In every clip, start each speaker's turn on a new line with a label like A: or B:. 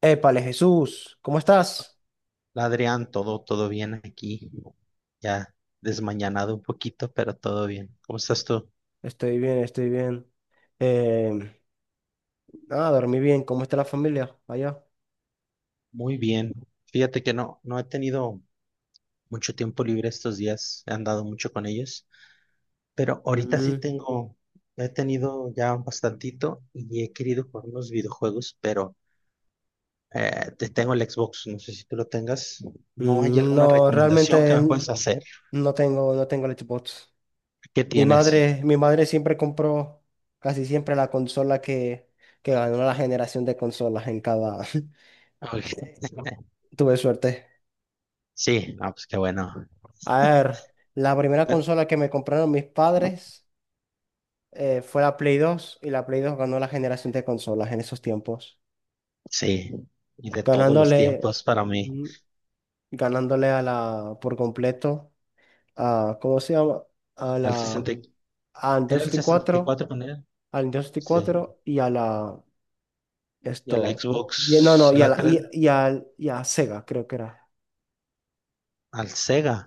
A: Épale, Jesús, ¿cómo estás?
B: Hola, Adrián, todo bien aquí, ya desmañanado un poquito, pero todo bien. ¿Cómo estás tú?
A: Estoy bien, estoy bien. Em, ah, dormí bien. ¿Cómo está la familia allá?
B: Muy bien. Fíjate que no he tenido mucho tiempo libre estos días, he andado mucho con ellos, pero ahorita sí
A: Mm,
B: tengo, he tenido ya un bastantito y he querido jugar unos videojuegos, pero te tengo el Xbox, no sé si tú lo tengas. ¿No hay alguna
A: no,
B: recomendación
A: realmente
B: que me puedes hacer?
A: no tengo Xbox.
B: ¿Qué
A: Mi
B: tienes?
A: madre, mi madre siempre compró, casi siempre, la consola que ganó la generación de consolas en cada.
B: Ok.
A: Tuve suerte.
B: Sí, no, pues qué bueno.
A: A ver, la primera consola que me compraron mis padres, fue la Play 2, y la Play 2 ganó la generación de consolas en esos tiempos.
B: Sí, y de todos los
A: Ganándole,
B: tiempos para mí.
A: ujú, ganándole a la, por completo, a, ¿cómo se llama? A
B: Al
A: la,
B: 60, y-
A: a
B: ¿Era el
A: Industry
B: sesenta y
A: cuatro
B: cuatro con él?
A: al Industry
B: Sí.
A: cuatro, y a la,
B: Y a la
A: esto, no, no,
B: Xbox,
A: y a
B: la
A: la,
B: 3,
A: y a Sega, creo que era.
B: al Sega.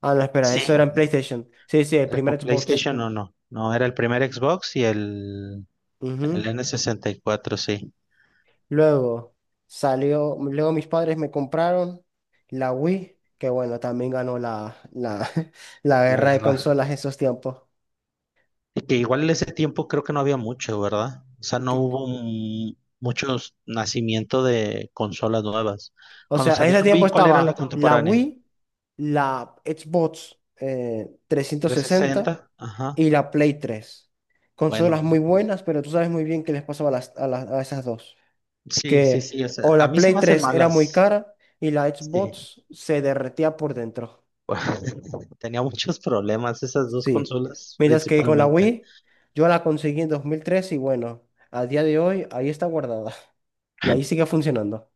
A: Ah, no, espera,
B: Sí.
A: eso era en PlayStation. Sí, sí, el
B: ¿Era con
A: primer Xbox.
B: PlayStation o no? No, era el primer Xbox y el
A: Ujú.
B: n 64. Sí.
A: Luego salió, luego mis padres me compraron la Wii, que bueno, también ganó la, la
B: La
A: guerra de
B: guerra.
A: consolas esos tiempos.
B: Y que igual en ese tiempo creo que no había mucho, ¿verdad? O sea, no hubo muchos nacimiento de consolas nuevas.
A: O
B: Cuando
A: sea, en
B: salió
A: ese
B: el
A: tiempo
B: Wii, ¿cuál era la
A: estaba la
B: contemporánea?
A: Wii, la Xbox, 360,
B: 360. Ajá.
A: y la Play 3.
B: Bueno,
A: Consolas muy buenas, pero tú sabes muy bien qué les pasaba a, a esas dos.
B: sí, sí,
A: Que
B: sí, o sea,
A: o
B: a
A: la
B: mí se
A: Play
B: me hacen
A: tres era muy
B: malas.
A: cara, y la
B: Sí,
A: Xbox se derretía por dentro.
B: tenía muchos problemas esas dos
A: Sí.
B: consolas
A: Mientras que con la
B: principalmente.
A: Wii, yo la conseguí en 2003 y, bueno, a día de hoy ahí está guardada. Y ahí sigue funcionando.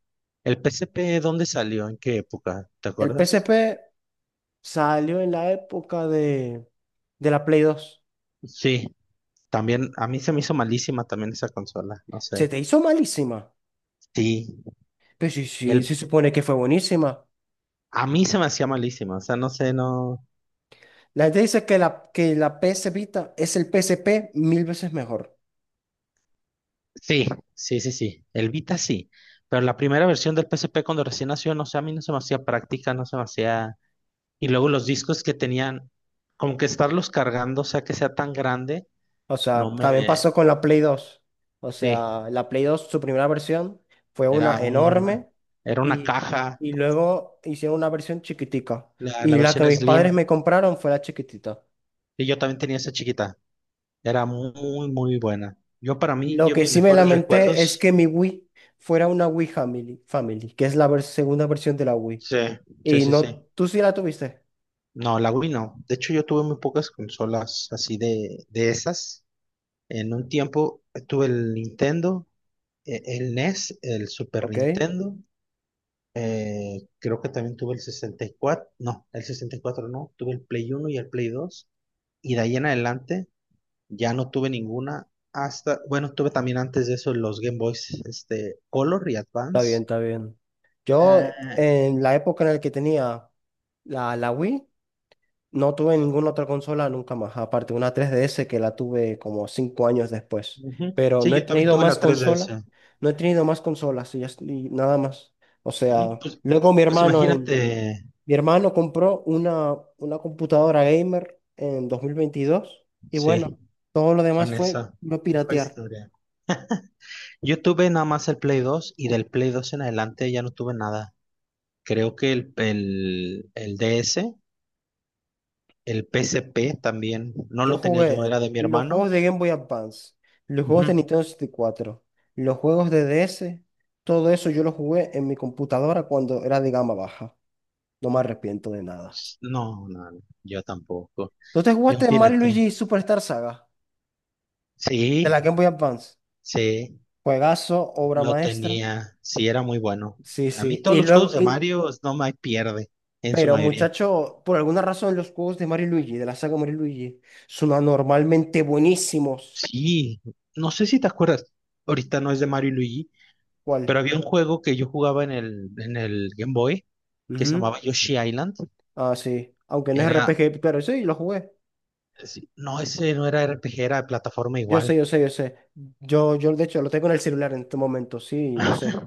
B: ¿El PSP dónde salió? ¿En qué época? ¿Te
A: El
B: acuerdas?
A: PSP salió en la época de la Play 2.
B: Sí, también a mí se me hizo malísima también esa consola, no
A: Se
B: sé.
A: te hizo malísima.
B: Sí,
A: Pero sí, sí, se
B: el
A: supone que fue buenísima.
B: a mí se me hacía malísima, o sea, no sé, no.
A: La gente dice que la PS Vita es el PSP mil veces mejor.
B: Sí, sí, sí, sí. El Vita sí, pero la primera versión del PSP cuando recién nació, no sé, a mí no se me hacía práctica, no se me hacía. Y luego los discos que tenían, como que estarlos cargando, o sea, que sea tan grande,
A: O
B: no
A: sea, también pasó
B: me.
A: con la Play 2. O
B: Sí,
A: sea, la Play 2, su primera versión, fue una
B: era una,
A: enorme,
B: era una
A: y,
B: caja,
A: y luego hicieron una versión chiquitica.
B: la
A: Y la que
B: versión
A: mis padres
B: Slim,
A: me compraron fue la chiquitita.
B: y yo también tenía esa chiquita. Era muy, muy buena. Yo para mí,
A: Lo
B: yo
A: que
B: mis
A: sí me
B: mejores
A: lamenté es
B: recuerdos,
A: que mi Wii fuera una Wii Family, Family, que es la segunda versión de la Wii.
B: sí, sí,
A: Y
B: sí,
A: no,
B: sí.
A: tú sí la tuviste.
B: No, la Wii no. De hecho, yo tuve muy pocas consolas así de esas. En un tiempo tuve el Nintendo, el NES, el Super
A: Ok, está
B: Nintendo. Creo que también tuve el 64, no, el 64 no, tuve el Play uno y el Play 2 y de ahí en adelante ya no tuve ninguna, hasta, bueno, tuve también antes de eso los Game Boys, este, Color y
A: bien,
B: Advance.
A: está bien. Yo,
B: Ah,
A: en la época en la que tenía la, Wii, no tuve ninguna otra consola nunca más, aparte de una 3DS, que la tuve como 5 años después.
B: ujú.
A: Pero
B: Sí,
A: no he
B: yo también
A: tenido
B: tuve
A: más
B: la
A: consola,
B: 3DS.
A: no he tenido más consolas, y nada más. O
B: Ujú.
A: sea,
B: Pues,
A: luego mi
B: pues
A: hermano en.
B: imagínate,
A: Mi hermano compró una, computadora gamer en 2022 y, bueno,
B: sí,
A: todo lo demás
B: con
A: fue
B: esa
A: no
B: fue
A: piratear.
B: historia. Yo tuve nada más el Play 2 y del Play 2 en adelante ya no tuve nada. Creo que el DS. El PSP también, no
A: Yo
B: lo tenía
A: jugué
B: yo, era de mi
A: los
B: hermano.
A: juegos de Game Boy Advance, los juegos de
B: Ujú.
A: Nintendo 64, los juegos de DS, todo eso yo lo jugué en mi computadora cuando era de gama baja. No me arrepiento de nada.
B: No, no, no, yo tampoco.
A: ¿Tú te
B: Yo,
A: jugaste Mario y
B: fíjate,
A: Luigi Superstar Saga de
B: sí,
A: la Game Boy Advance?
B: sí,
A: Juegazo, obra
B: lo
A: maestra.
B: tenía, sí, era muy bueno.
A: Sí,
B: A mí
A: sí.
B: todos
A: Y
B: los
A: luego,
B: juegos de Mario no me pierde, en su
A: pero
B: mayoría.
A: muchacho, por alguna razón los juegos de Mario y Luigi, de la saga Mario y Luigi, son anormalmente buenísimos.
B: Sí, no sé si te acuerdas, ahorita no es de Mario y Luigi,
A: ¿Cuál?
B: pero había un juego que yo jugaba en el Game Boy que se
A: Ujú.
B: llamaba Yoshi Island.
A: Ah, sí. Aunque no es
B: Era,
A: RPG, claro, sí, lo jugué.
B: sí, no, ese no era RPG, era de plataforma
A: Yo
B: igual.
A: sé, yo sé, yo sé. Yo de hecho lo tengo en el celular en este momento, sí, yo sé.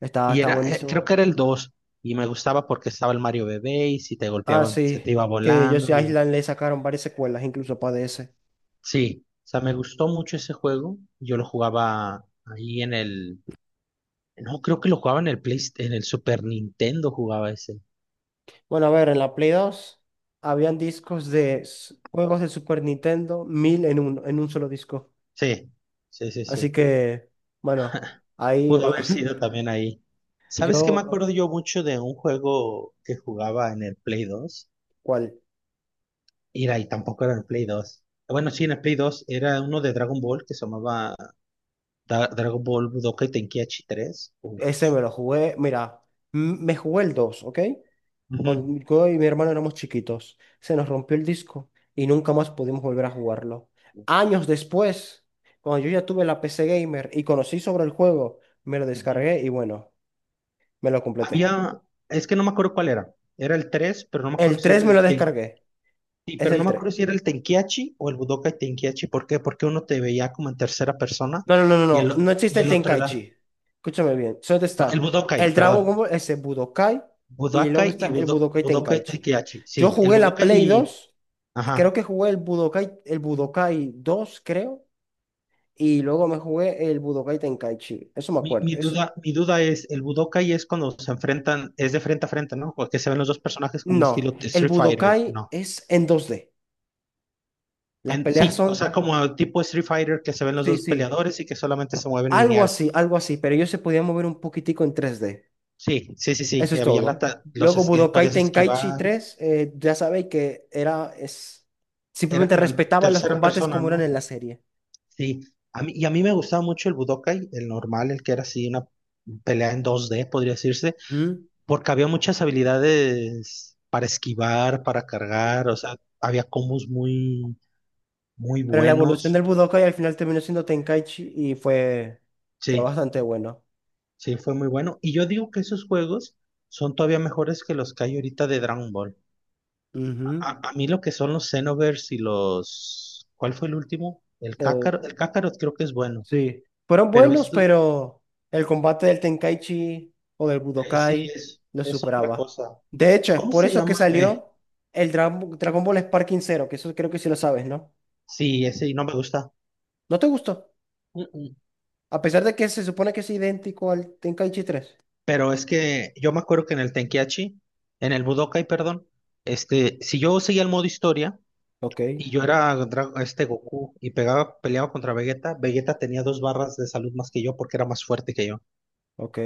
A: Está,
B: Y
A: está
B: creo
A: buenísimo.
B: que era el 2 y me gustaba porque estaba el Mario Bebé, y si te
A: Ah,
B: golpeaban, se
A: sí.
B: te iba
A: Que yo
B: volando,
A: sé,
B: y
A: Island, le sacaron varias secuelas, incluso para DS.
B: sí, o sea, me gustó mucho ese juego, yo lo jugaba ahí en el, no, creo que lo jugaba en el Play, en el Super Nintendo jugaba ese,
A: Bueno, a ver, en la Play 2 habían discos de juegos de Super Nintendo, mil en uno, en un solo disco.
B: sí, sí, sí,
A: Así
B: sí,
A: que, bueno, ahí
B: pudo
A: uno.
B: haber sido también ahí. ¿Sabes qué me
A: yo,
B: acuerdo yo mucho de un juego que jugaba en el Play dos?
A: ¿cuál?
B: Y tampoco era en el Play dos. Bueno, sí, en el Play 2 era uno de Dragon Ball que se llamaba Dragon Ball Budokai Tenkaichi 3. Uf.
A: Ese me lo jugué, mira, me jugué el 2, ¿ok?
B: Ujú,
A: Con, yo y mi hermano éramos chiquitos, se nos rompió el disco y nunca más pudimos volver a jugarlo. Años después, cuando yo ya tuve la PC Gamer y conocí sobre el juego, me lo
B: ujú.
A: descargué y, bueno, me lo completé.
B: Había, es que no me acuerdo cuál era. Era el tres, pero no me acuerdo
A: El
B: si era
A: 3 me lo descargué,
B: sí,
A: es
B: pero no
A: el
B: me acuerdo
A: 3.
B: si era el Tenkiachi o el Budokai Tenkiachi. ¿Por qué? Porque uno te veía como en tercera persona
A: No, no, no, no,
B: y
A: no. No existe
B: y
A: el
B: el otro era,
A: Tenkaichi. Escúchame bien. Solo
B: no, el
A: está
B: Budokai,
A: el Dragon
B: perdón.
A: Ball, ese Budokai, y luego
B: Budokai y
A: está el Budokai
B: Budokai
A: Tenkaichi.
B: Tenkiachi.
A: Yo
B: Sí, el
A: jugué la
B: Budokai
A: Play
B: y,
A: 2, creo
B: ajá.
A: que jugué el Budokai 2, creo, y luego me jugué el Budokai Tenkaichi. Eso me
B: Mi,
A: acuerdo.
B: mi
A: Eso...
B: duda, mi duda es, el Budokai es cuando se enfrentan, es de frente a frente, ¿no? Porque se ven los dos personajes como un
A: No,
B: estilo de
A: el
B: Street Fighter,
A: Budokai
B: ¿no?
A: es en 2D. Las peleas
B: Sí, o
A: son,
B: sea, como el tipo Street Fighter que se ven los
A: sí,
B: dos
A: sí,
B: peleadores y que solamente se mueven lineal.
A: algo así, pero ellos se podían mover un poquitico en 3D.
B: Sí, sí, sí, sí.
A: Eso es
B: Había la
A: todo.
B: ta- los
A: Luego
B: es-
A: Budokai
B: Podías
A: Tenkaichi
B: esquivar.
A: tres ya sabéis que era, es,
B: Era
A: simplemente
B: como en
A: respetaba los
B: tercera
A: combates
B: persona,
A: como eran
B: ¿no?
A: en la serie.
B: Sí. A mí me gustaba mucho el Budokai, el normal, el que era así una pelea en 2D, podría decirse,
A: ¿Mm?
B: porque había muchas habilidades para esquivar, para cargar, o sea, había combos muy, muy
A: Pero la evolución
B: buenos.
A: del Budokai al final terminó siendo Tenkaichi y fue
B: Sí,
A: bastante bueno.
B: sí, fue muy bueno. Y yo digo que esos juegos son todavía mejores que los que hay ahorita de Dragon Ball.
A: Ujú.
B: A mí lo que son los Xenoverse y los. ¿Cuál fue el último? El
A: Eh,
B: Kakarot, el Kakarot creo que es bueno,
A: sí, fueron
B: pero
A: buenos,
B: esto
A: pero el combate del Tenkaichi o del
B: sí
A: Budokai
B: es,
A: lo
B: es otra
A: superaba.
B: cosa.
A: De hecho, es
B: ¿Cómo
A: por
B: se
A: eso que
B: llama?
A: salió el Dragon Ball Sparking Zero, que eso creo que sí lo sabes, ¿no?
B: Sí, ese no me gusta.
A: ¿No te gustó?
B: Mm, mm.
A: A pesar de que se supone que es idéntico al Tenkaichi 3.
B: Pero es que yo me acuerdo que en el Tenkiachi, en el Budokai, perdón, este, si yo seguía el modo historia
A: Ok,
B: y yo era Goku y peleaba contra Vegeta, Vegeta tenía dos barras de salud más que yo porque era más fuerte que yo.
A: ok.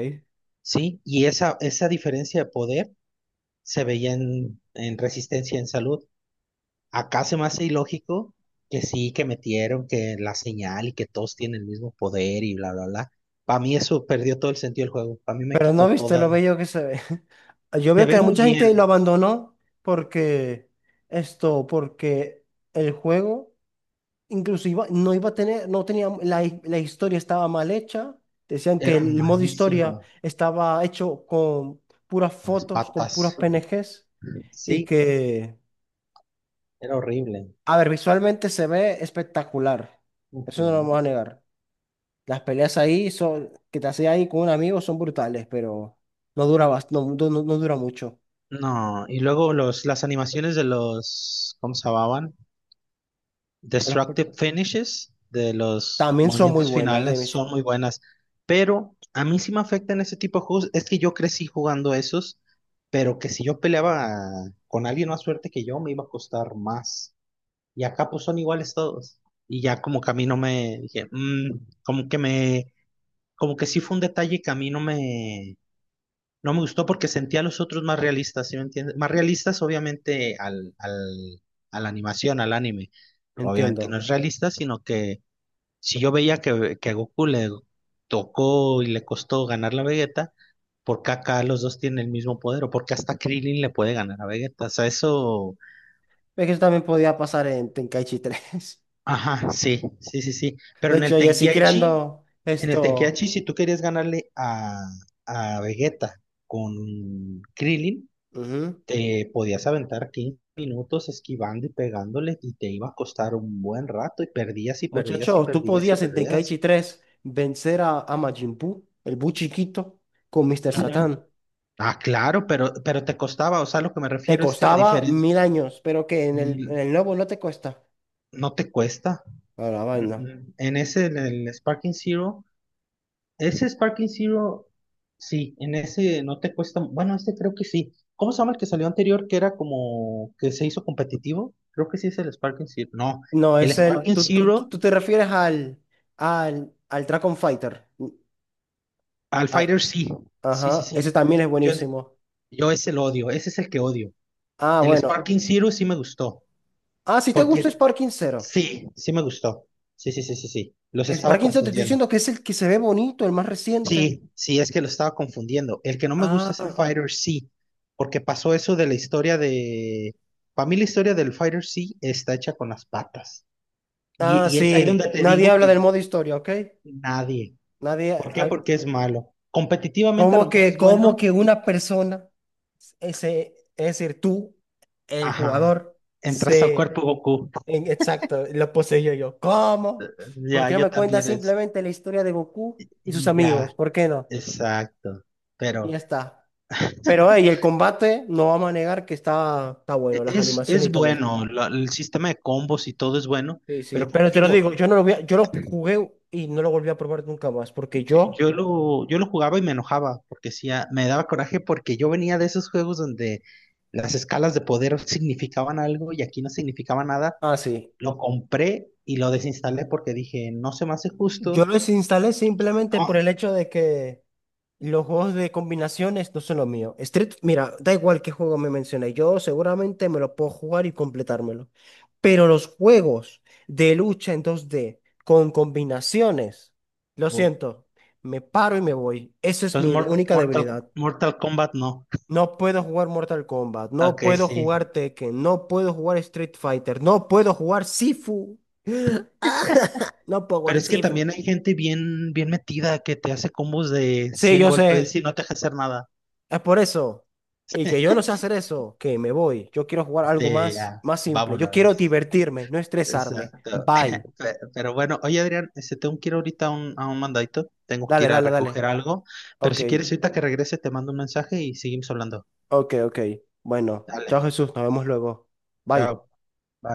B: Sí, y esa diferencia de poder se veía en Resistencia en Salud. Acá se me hace ilógico que sí, que metieron, que la señal y que todos tienen el mismo poder y bla, bla, bla. Para mí eso perdió todo el sentido del juego. Para mí me
A: Pero no
B: quitó
A: viste lo
B: toda.
A: bello que se ve. Yo
B: Se
A: veo
B: ve
A: que
B: muy
A: mucha gente lo
B: bien.
A: abandonó porque porque el juego, inclusive, no iba a tener, no tenía, la historia estaba mal hecha. Decían que
B: Era
A: el modo historia
B: malísima
A: estaba hecho con puras
B: con las
A: fotos, con
B: patas.
A: puras PNGs y
B: Sí,
A: que,
B: era horrible.
A: a ver, visualmente se ve espectacular. Eso no lo
B: Ujú.
A: vamos a negar. Las peleas ahí son, que te haces ahí con un amigo, son brutales, pero no dura, no, no, no dura mucho.
B: No, y luego las animaciones de los, ¿cómo se llamaban?
A: De las per-
B: Destructive finishes de los
A: También son muy
B: movimientos
A: buenas,
B: finales son muy buenas, pero a mí sí me afectan ese tipo de juegos. Es que yo crecí jugando esos, pero que si yo peleaba con alguien más fuerte que yo, me iba a costar más. Y acá pues son iguales todos. Y ya como que a mí no me dije, "Mm", como que sí fue un detalle que a mí no me gustó porque sentía a los otros más realistas, ¿sí me entiendes? Más realistas, obviamente, a la animación, al anime. Obviamente no
A: entiendo.
B: es realista, sino que si yo veía que a Goku le tocó y le costó ganar la Vegeta, ¿por qué acá los dos tienen el mismo poder? ¿O porque hasta Krillin le puede ganar a Vegeta? O sea, eso.
A: Es que eso también podía pasar en Tenkaichi 3.
B: Ajá, sí, sí, sí, sí. Pero
A: De
B: en
A: hecho,
B: el
A: yo sí
B: Tenkaichi,
A: creando
B: en el
A: esto.
B: Tenkaichi, si tú querías ganarle a Vegeta con Krillin.
A: Ujú.
B: Te podías aventar 15 minutos esquivando y pegándole y te iba a costar un buen rato y perdías y perdías y
A: Muchacho, tú
B: perdías y
A: podías en
B: perdías.
A: Tenkaichi 3 vencer a, Majin Buu, el Bu chiquito, con Mr.
B: Ujú.
A: Satan.
B: Ah, claro, pero te costaba, o sea, lo que me
A: Te
B: refiero es que la
A: costaba
B: diferencia
A: mil años, pero que en el,
B: mm,
A: nuevo no te cuesta.
B: no te cuesta.
A: A la vaina.
B: Mm, mm. En el Sparking Zero, ese Sparking Zero, sí, en ese no te cuesta, bueno, este creo que sí. ¿Cómo se llama el que salió anterior que era como que se hizo competitivo? Creo que sí es el Sparking Zero. No,
A: No,
B: el
A: es
B: ¿Cuál?
A: el.
B: Sparking
A: Tú, tú,
B: Zero.
A: tú te refieres al, al Dragon Fighter.
B: Al
A: Ah,
B: Fighter sí, sí, sí,
A: ajá, ese
B: sí.
A: también es
B: Yo,
A: buenísimo.
B: yo ese lo odio, ese es el que odio.
A: Ah,
B: El
A: bueno.
B: Sparking Zero sí me gustó,
A: Ah, si te gusta
B: porque
A: Sparking Zero.
B: sí, sí me gustó. Sí, sí, sí, sí, sí. Los estaba
A: Sparking Zero te estoy
B: confundiendo.
A: diciendo que es el que se ve bonito, el más reciente.
B: Sí, sí, es que lo estaba confundiendo. El que no me gusta es el
A: Ah,
B: Fighter C, porque pasó eso de la historia de. Para mí la historia del Fighter C está hecha con las patas. Y,
A: ah,
B: y es ahí
A: sí.
B: donde te
A: Nadie
B: digo
A: habla del
B: que
A: modo historia, ¿ok?
B: nadie.
A: Nadie.
B: ¿Por qué? Porque es malo. Competitivamente a lo mejor es
A: Cómo
B: bueno.
A: que una persona, ese, es decir, tú, el
B: Ajá.
A: jugador,
B: Entras al
A: se
B: cuerpo Goku.
A: Exacto, lo poseía yo? ¿Cómo? ¿Por
B: Ya,
A: qué no
B: yo
A: me cuenta
B: también es,
A: simplemente la historia de Goku y sus
B: y
A: amigos?
B: ya,
A: ¿Por qué no?
B: exacto.
A: Y ya
B: Pero
A: está. Pero, hey, el combate no vamos a negar que está
B: e-
A: bueno, las
B: es,
A: animaciones y
B: es
A: todo eso.
B: bueno, el sistema de combos y todo es bueno,
A: Sí, sí.
B: pero como
A: Pero te lo
B: digo,
A: digo, yo lo jugué y no lo volví a probar nunca más, porque yo,
B: yo lo jugaba y me enojaba, porque sí, me daba coraje porque yo venía de esos juegos donde las escalas de poder significaban algo y aquí no significaba nada.
A: ah, sí,
B: Lo compré y lo desinstalé porque dije, no se me hace
A: yo
B: justo.
A: los instalé simplemente por el hecho de que los juegos de combinaciones no son lo mío. Street, mira, da igual qué juego me menciones, yo seguramente me lo puedo jugar y completármelo. Pero los juegos de lucha en dos d con combinaciones, lo
B: No.
A: siento, me paro y me voy. Esa es
B: Entonces,
A: mi única debilidad.
B: Mortal Kombat no.
A: No puedo jugar Mortal Kombat, no
B: Ok,
A: puedo
B: sí.
A: jugar Tekken, no puedo jugar Street Fighter, no puedo jugar Sifu. Ah, no puedo
B: Pero
A: jugar
B: es que
A: Sifu.
B: también hay gente bien, bien metida que te hace combos de
A: Sí,
B: 100
A: yo
B: golpes
A: sé.
B: y no te deja hacer nada.
A: Es por eso. Y que yo no sé hacer eso, que me voy. Yo quiero jugar algo más, más simple. Yo quiero
B: Vámonos.
A: divertirme, no estresarme.
B: Exacto.
A: Bye.
B: Pero bueno, oye Adrián, este, tengo que ir ahorita a un mandadito. Tengo que
A: Dale,
B: ir a
A: dale,
B: recoger
A: dale.
B: algo. Pero
A: Ok,
B: si quieres, ahorita que regrese, te mando un mensaje y seguimos hablando.
A: ok, ok. Bueno,
B: Dale.
A: chao Jesús, nos vemos luego. Bye.
B: Chao. Bye.